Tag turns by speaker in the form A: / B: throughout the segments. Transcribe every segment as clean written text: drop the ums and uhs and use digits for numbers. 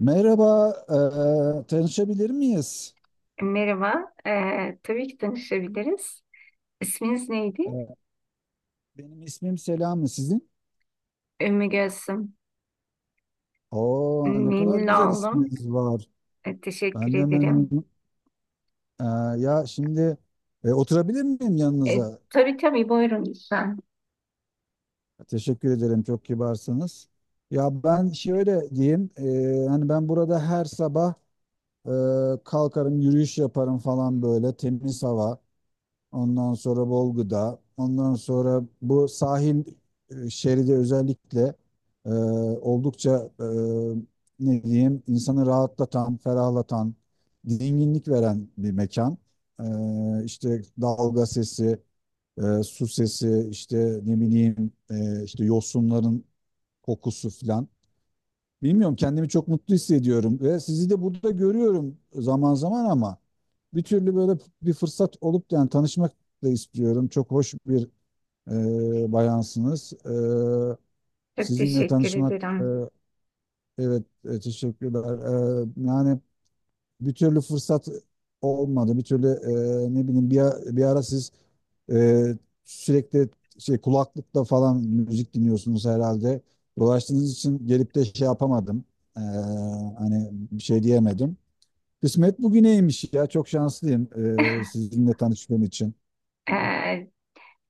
A: Merhaba, tanışabilir miyiz?
B: Merhaba, tabii ki tanışabiliriz. İsminiz neydi?
A: Eee, benim ismim Selami, sizin?
B: Ümmü Gülsüm.
A: Oo, ne kadar
B: Memnun
A: güzel
B: oldum.
A: isminiz var.
B: Teşekkür
A: Ben de
B: ederim.
A: memnunum. Eee, ya şimdi oturabilir miyim yanınıza?
B: Tabii tabii, buyurun lütfen.
A: Teşekkür ederim, çok kibarsınız. Ya ben şöyle diyeyim, hani ben burada her sabah eee, kalkarım, yürüyüş yaparım falan böyle, temiz hava. Ondan sonra bol gıda. Ondan sonra bu sahil şeridi özellikle e, oldukça ne diyeyim insanı rahatlatan, ferahlatan, dinginlik veren bir mekan. İşte dalga sesi, su sesi, işte ne bileyim işte yosunların kokusu filan. Bilmiyorum, kendimi çok mutlu hissediyorum ve sizi de burada görüyorum zaman zaman, ama bir türlü böyle bir fırsat olup yani tanışmak da istiyorum. Çok hoş bir bayansınız.
B: Çok
A: Sizinle
B: teşekkür
A: tanışmak
B: ederim.
A: evet teşekkürler. Yani bir türlü fırsat olmadı. Bir türlü ne bileyim bir ara siz e, sürekli şey, kulaklıkla falan müzik dinliyorsunuz herhalde. Dolaştığınız için gelip de şey yapamadım. E, Hani bir şey diyemedim. Kısmet bugüneymiş ya. Çok şanslıyım sizinle tanıştığım için.
B: Ee,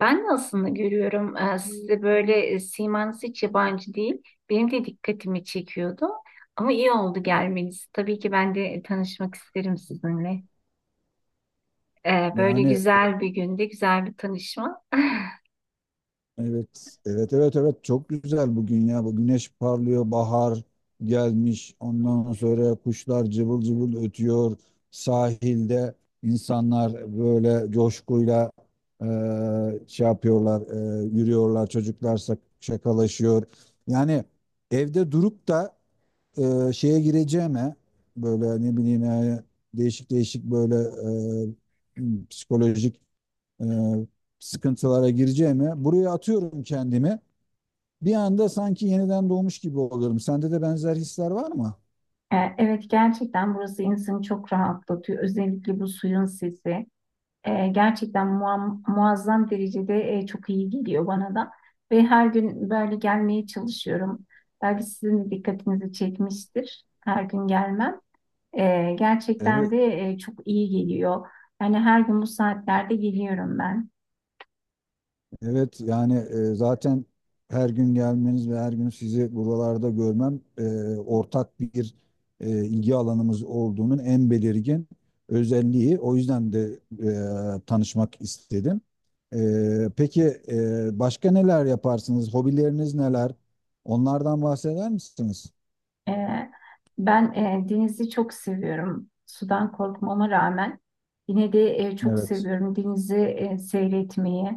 B: ben de aslında görüyorum, sizde böyle simanız hiç yabancı değil. Benim de dikkatimi çekiyordu. Ama iyi oldu gelmeniz. Tabii ki ben de tanışmak isterim sizinle. Böyle
A: Yani,
B: güzel bir günde güzel bir tanışma.
A: evet, evet, evet, evet. Çok güzel bugün ya. Bu güneş parlıyor, bahar gelmiş. Ondan sonra kuşlar cıvıl cıvıl ötüyor. Sahilde insanlar böyle coşkuyla şey yapıyorlar, yürüyorlar. Çocuklar şakalaşıyor. Yani evde durup da şeye gireceğime, böyle ne bileyim yani değişik değişik böyle eee, psikolojik e, sıkıntılara gireceğime, buraya atıyorum kendimi. Bir anda sanki yeniden doğmuş gibi oluyorum. Sende de benzer hisler var mı?
B: Evet, gerçekten burası insanı çok rahatlatıyor. Özellikle bu suyun sesi gerçekten muazzam derecede çok iyi geliyor bana da. Ve her gün böyle gelmeye çalışıyorum. Belki sizin de dikkatinizi çekmiştir. Her gün gelmem. Gerçekten
A: Evet.
B: de çok iyi geliyor. Yani her gün bu saatlerde geliyorum ben.
A: Evet, yani zaten her gün gelmeniz ve her gün sizi buralarda görmem ortak bir ilgi alanımız olduğunun en belirgin özelliği. O yüzden de tanışmak istedim. Peki başka neler yaparsınız? Hobileriniz neler? Onlardan bahseder misiniz?
B: Ee, ben denizi çok seviyorum. Sudan korkmama rağmen yine de çok
A: Evet.
B: seviyorum denizi seyretmeyi.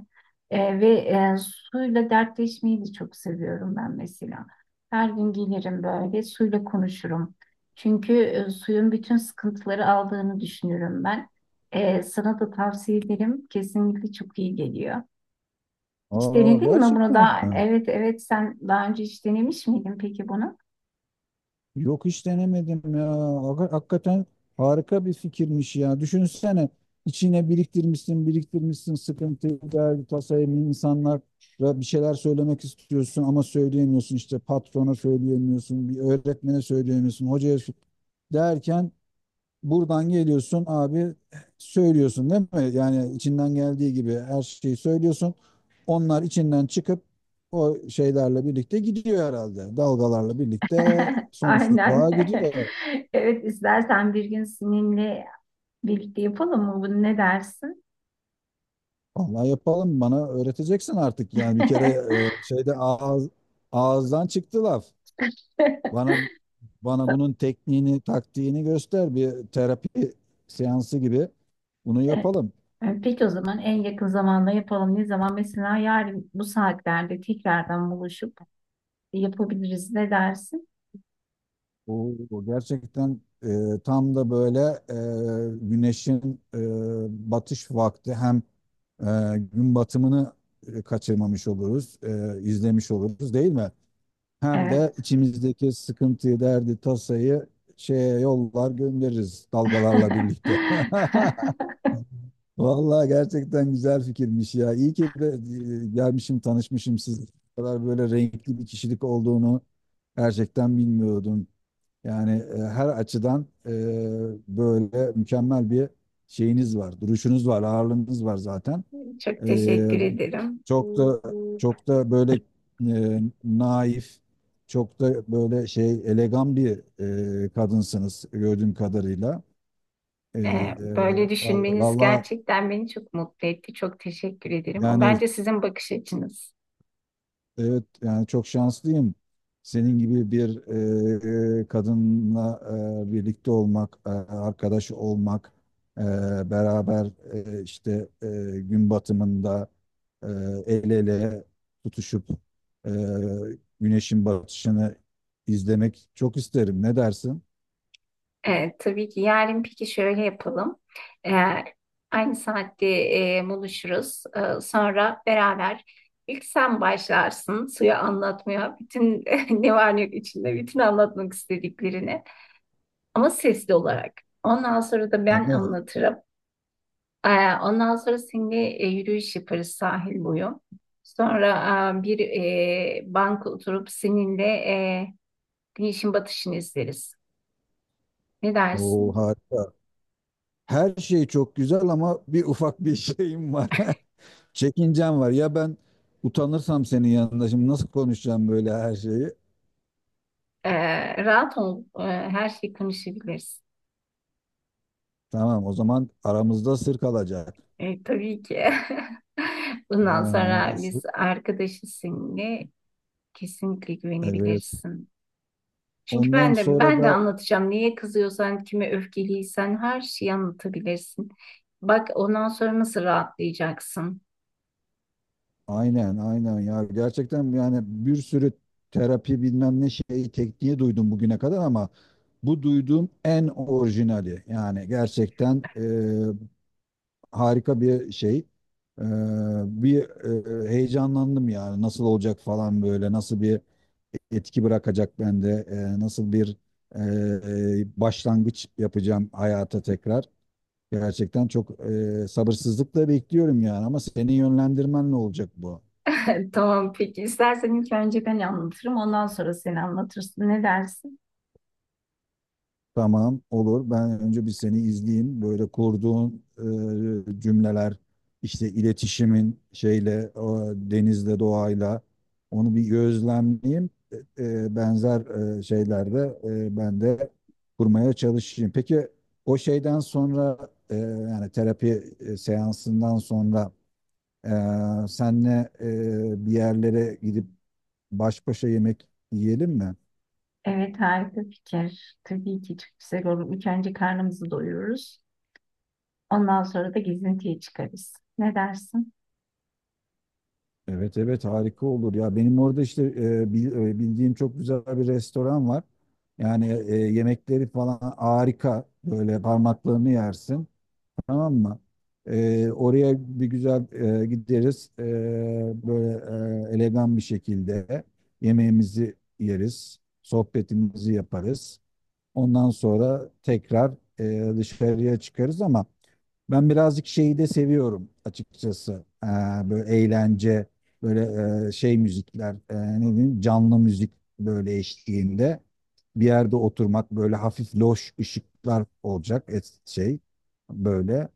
B: Ve suyla dertleşmeyi de çok seviyorum ben mesela. Her gün gelirim, böyle suyla konuşurum. Çünkü suyun bütün sıkıntıları aldığını düşünüyorum ben. Sana da tavsiye ederim. Kesinlikle çok iyi geliyor. Hiç
A: Aa,
B: denedin mi bunu
A: gerçekten
B: da?
A: mi?
B: Evet evet, sen daha önce hiç denemiş miydin peki bunu?
A: Yok, hiç denemedim ya. Hakikaten harika bir fikirmiş ya. Düşünsene, içine biriktirmişsin, biriktirmişsin sıkıntıyı, derdi, tasayı, insanlara bir şeyler söylemek istiyorsun ama söyleyemiyorsun, işte patrona söyleyemiyorsun, bir öğretmene söyleyemiyorsun, hocaya derken, buradan geliyorsun abi, söylüyorsun değil mi? Yani içinden geldiği gibi her şeyi söylüyorsun. Onlar içinden çıkıp o şeylerle birlikte gidiyor herhalde. Dalgalarla birlikte
B: Aynen.
A: sonsuzluğa gidiyor.
B: Evet, istersen bir gün seninle birlikte yapalım mı bunu? Ne dersin?
A: Vallahi yapalım, bana öğreteceksin artık yani, bir kere şeyde ağızdan çıktı laf. Bana bana bunun tekniğini, taktiğini göster, bir terapi seansı gibi. Bunu yapalım.
B: Peki o zaman en yakın zamanda yapalım. Ne zaman? Mesela yarın bu saatlerde tekrardan buluşup yapabiliriz. Ne dersin?
A: Oo, gerçekten tam da böyle güneşin batış vakti, hem gün batımını kaçırmamış oluruz, izlemiş oluruz değil mi? Hem de
B: Evet.
A: içimizdeki sıkıntıyı, derdi, tasayı şeye yollar göndeririz dalgalarla birlikte. Vallahi gerçekten güzel fikirmiş ya. İyi ki gelmişim, tanışmışım sizle. Bu kadar böyle renkli bir kişilik olduğunu gerçekten bilmiyordum. Yani her açıdan böyle mükemmel bir şeyiniz var, duruşunuz var, ağırlığınız var zaten.
B: Çok
A: E,
B: teşekkür ederim.
A: Çok da çok da böyle naif, çok da böyle şey elegan bir kadınsınız gördüğüm kadarıyla. E,
B: Böyle
A: e,
B: düşünmeniz
A: Vallahi
B: gerçekten beni çok mutlu etti. Çok teşekkür ederim. O
A: yani.
B: bence sizin bakış açınız.
A: Evet, yani çok şanslıyım. Senin gibi bir kadınla birlikte olmak, arkadaş olmak, e, beraber işte gün batımında e, el ele tutuşup e, güneşin batışını izlemek çok isterim. Ne dersin?
B: Evet, tabii ki. Yarın peki şöyle yapalım. Ee, aynı saatte buluşuruz. Sonra beraber ilk sen başlarsın suya anlatmaya. Bütün ne var ne yok içinde, bütün anlatmak istediklerini. Ama sesli olarak. Ondan sonra da ben
A: Ama
B: anlatırım. Ondan sonra seninle yürüyüş yaparız sahil boyu. Sonra bir banka oturup seninle güneşin batışını izleriz. Ne
A: o
B: dersin?
A: harika. Her şey çok güzel, ama bir ufak bir şeyim var. Çekincem var. Ya ben utanırsam senin yanında, şimdi nasıl konuşacağım böyle her şeyi?
B: Rahat ol. Her şeyi konuşabiliriz.
A: Tamam, o zaman aramızda sır kalacak.
B: Tabii ki. Bundan sonra
A: Ha,
B: biz
A: sır.
B: arkadaşız seninle. Kesinlikle
A: Evet.
B: güvenebilirsin. Çünkü
A: Ondan
B: ben de
A: sonra
B: ben de
A: da
B: anlatacağım. Niye kızıyorsan, kime öfkeliysen her şeyi anlatabilirsin. Bak ondan sonra nasıl rahatlayacaksın.
A: aynen, aynen ya, gerçekten yani bir sürü terapi bilmem ne şeyi, tekniği duydum bugüne kadar, ama bu duyduğum en orijinali yani, gerçekten harika bir şey. E, Bir heyecanlandım yani, nasıl olacak falan, böyle nasıl bir etki bırakacak bende, nasıl bir e, başlangıç yapacağım hayata tekrar. Gerçekten çok sabırsızlıkla bekliyorum yani, ama seni yönlendirmen ne olacak bu?
B: Tamam peki. İstersen ilk önce ben anlatırım. Ondan sonra sen anlatırsın. Ne dersin?
A: Tamam, olur, ben önce bir seni izleyeyim, böyle kurduğun cümleler, işte iletişimin şeyle, o denizle, doğayla, onu bir gözlemleyeyim. Benzer şeylerde ben de kurmaya çalışayım. Peki o şeyden sonra, yani terapi seansından sonra senle bir yerlere gidip baş başa yemek yiyelim mi?
B: Evet, harika fikir. Tabii ki çok güzel olur. İlk önce karnımızı doyururuz. Ondan sonra da gezintiye çıkarız. Ne dersin?
A: Evet, evet, harika olur ya. Benim orada işte bildiğim çok güzel bir restoran var. Yani yemekleri falan harika. Böyle parmaklarını yersin. Tamam mı? Oraya bir güzel gideriz. Böyle elegan bir şekilde yemeğimizi yeriz. Sohbetimizi yaparız. Ondan sonra tekrar dışarıya çıkarız, ama ben birazcık şeyi de seviyorum açıkçası. Böyle eğlence, böyle şey müzikler, ne diyeyim, canlı müzik böyle eşliğinde bir yerde oturmak, böyle hafif loş ışıklar olacak, et, şey böyle.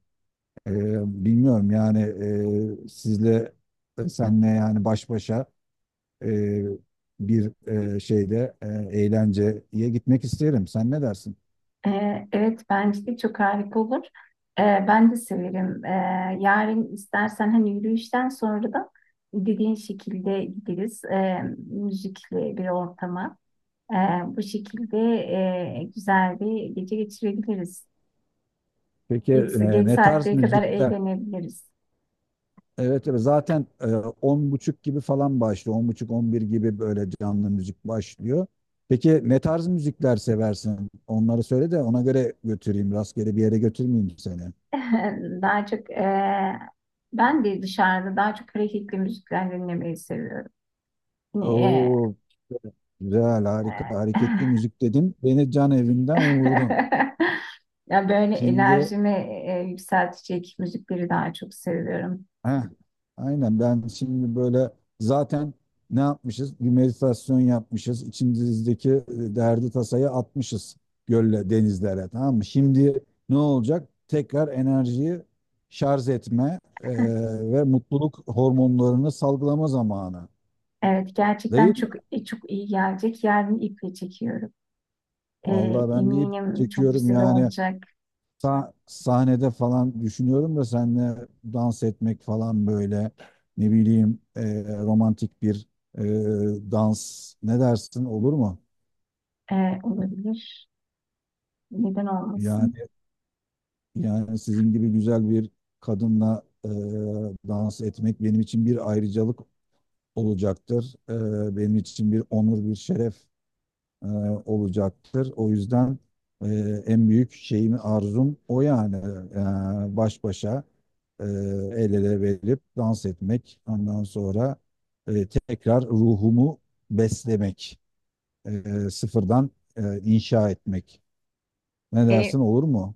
A: Bilmiyorum yani, e, sizle senle yani baş başa e, bir şeyde eğlenceye gitmek isterim. Sen ne dersin?
B: Evet, bence de çok harika olur. Ben de severim. Yarın istersen hani yürüyüşten sonra da dediğin şekilde gideriz. Müzikli bir ortama. Ee, bu şekilde güzel bir gece geçirebiliriz.
A: Peki
B: Geç, geç
A: ne tarz
B: saatlere kadar
A: müzikler?
B: eğlenebiliriz.
A: Evet, evet, zaten 10:30 gibi falan başlıyor. 10:30-11 gibi böyle canlı müzik başlıyor. Peki ne tarz müzikler seversin? Onları söyle de ona göre götüreyim. Rastgele bir yere götürmeyeyim seni.
B: Daha çok ben de dışarıda daha çok hareketli müzikler dinlemeyi seviyorum. Ne,
A: Oo, güzel,
B: e,
A: harika,
B: e.
A: hareketli müzik dedin. Beni can evinden vurdun.
B: Ya böyle
A: Şimdi.
B: enerjimi yükseltecek müzikleri daha çok seviyorum.
A: Heh, aynen, ben şimdi böyle zaten, ne yapmışız? Bir meditasyon yapmışız. İçimizdeki derdi, tasayı atmışız gölle, denizlere, tamam mı? Şimdi ne olacak? Tekrar enerjiyi şarj etme ve mutluluk hormonlarını salgılama zamanı.
B: Evet, gerçekten
A: Değil mi?
B: çok çok iyi gelecek. Yarın iple çekiyorum. E,
A: Vallahi ben deyip
B: eminim çok
A: çekiyorum
B: güzel
A: yani.
B: olacak.
A: Sahnede falan düşünüyorum da seninle dans etmek falan, böyle ne bileyim romantik bir e, dans, ne dersin, olur mu?
B: E, olabilir. Neden olmasın?
A: Yani yani sizin gibi güzel bir kadınla dans etmek benim için bir ayrıcalık olacaktır. Benim için bir onur, bir şeref e, olacaktır. O yüzden e, en büyük şeyim, arzum o yani. Baş başa el ele verip dans etmek. Ondan sonra tekrar ruhumu beslemek, sıfırdan inşa etmek. Ne dersin,
B: E,
A: olur mu?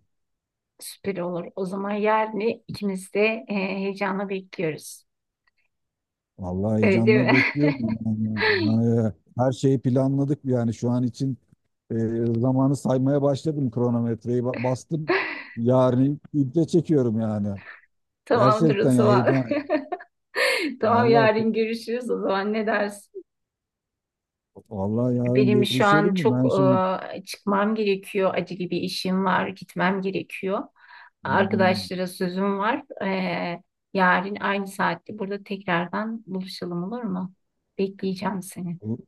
B: süper olur. O zaman yarın ikimiz de heyecanla bekliyoruz.
A: Vallahi
B: Öyle değil
A: heyecanla
B: mi?
A: bekliyorum. Yani her şeyi planladık yani, şu an için e, zamanı saymaya başladım, kronometreyi bastım. Yarın iple çekiyorum yani.
B: Tamamdır o
A: Gerçekten ya,
B: zaman.
A: heyecan.
B: Tamam,
A: Vallahi
B: yarın görüşürüz o zaman, ne dersin?
A: vallahi yarın
B: Benim şu
A: görüşelim
B: an
A: mi?
B: çok
A: Ben şimdi.
B: çıkmam gerekiyor. Acil bir işim var, gitmem gerekiyor.
A: Hmm.
B: Arkadaşlara sözüm var. Yarın aynı saatte burada tekrardan buluşalım, olur mu? Bekleyeceğim seni.
A: bu-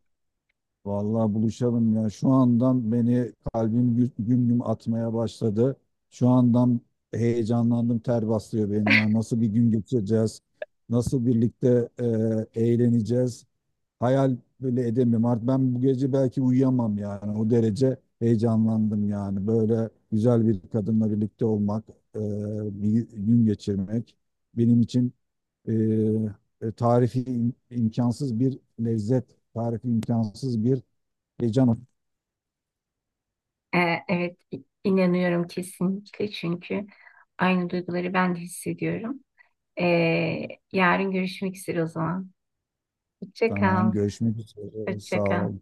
A: Vallahi buluşalım ya. Şu andan beni kalbim güm güm atmaya başladı. Şu andan heyecanlandım, ter bastırıyor beni ya. Nasıl bir gün geçireceğiz? Nasıl birlikte eğleneceğiz? Hayal böyle edemiyorum. Artık ben bu gece belki uyuyamam yani. O derece heyecanlandım yani. Böyle güzel bir kadınla birlikte olmak, e, bir gün geçirmek benim için e, tarifi imkansız bir lezzet, tarifi imkansız bir heyecan.
B: E, evet, inanıyorum kesinlikle, çünkü aynı duyguları ben de hissediyorum. E, yarın görüşmek üzere o zaman. Hoşça
A: Tamam,
B: kal.
A: görüşmek üzere.
B: Hoşça
A: Sağ
B: kal.
A: ol.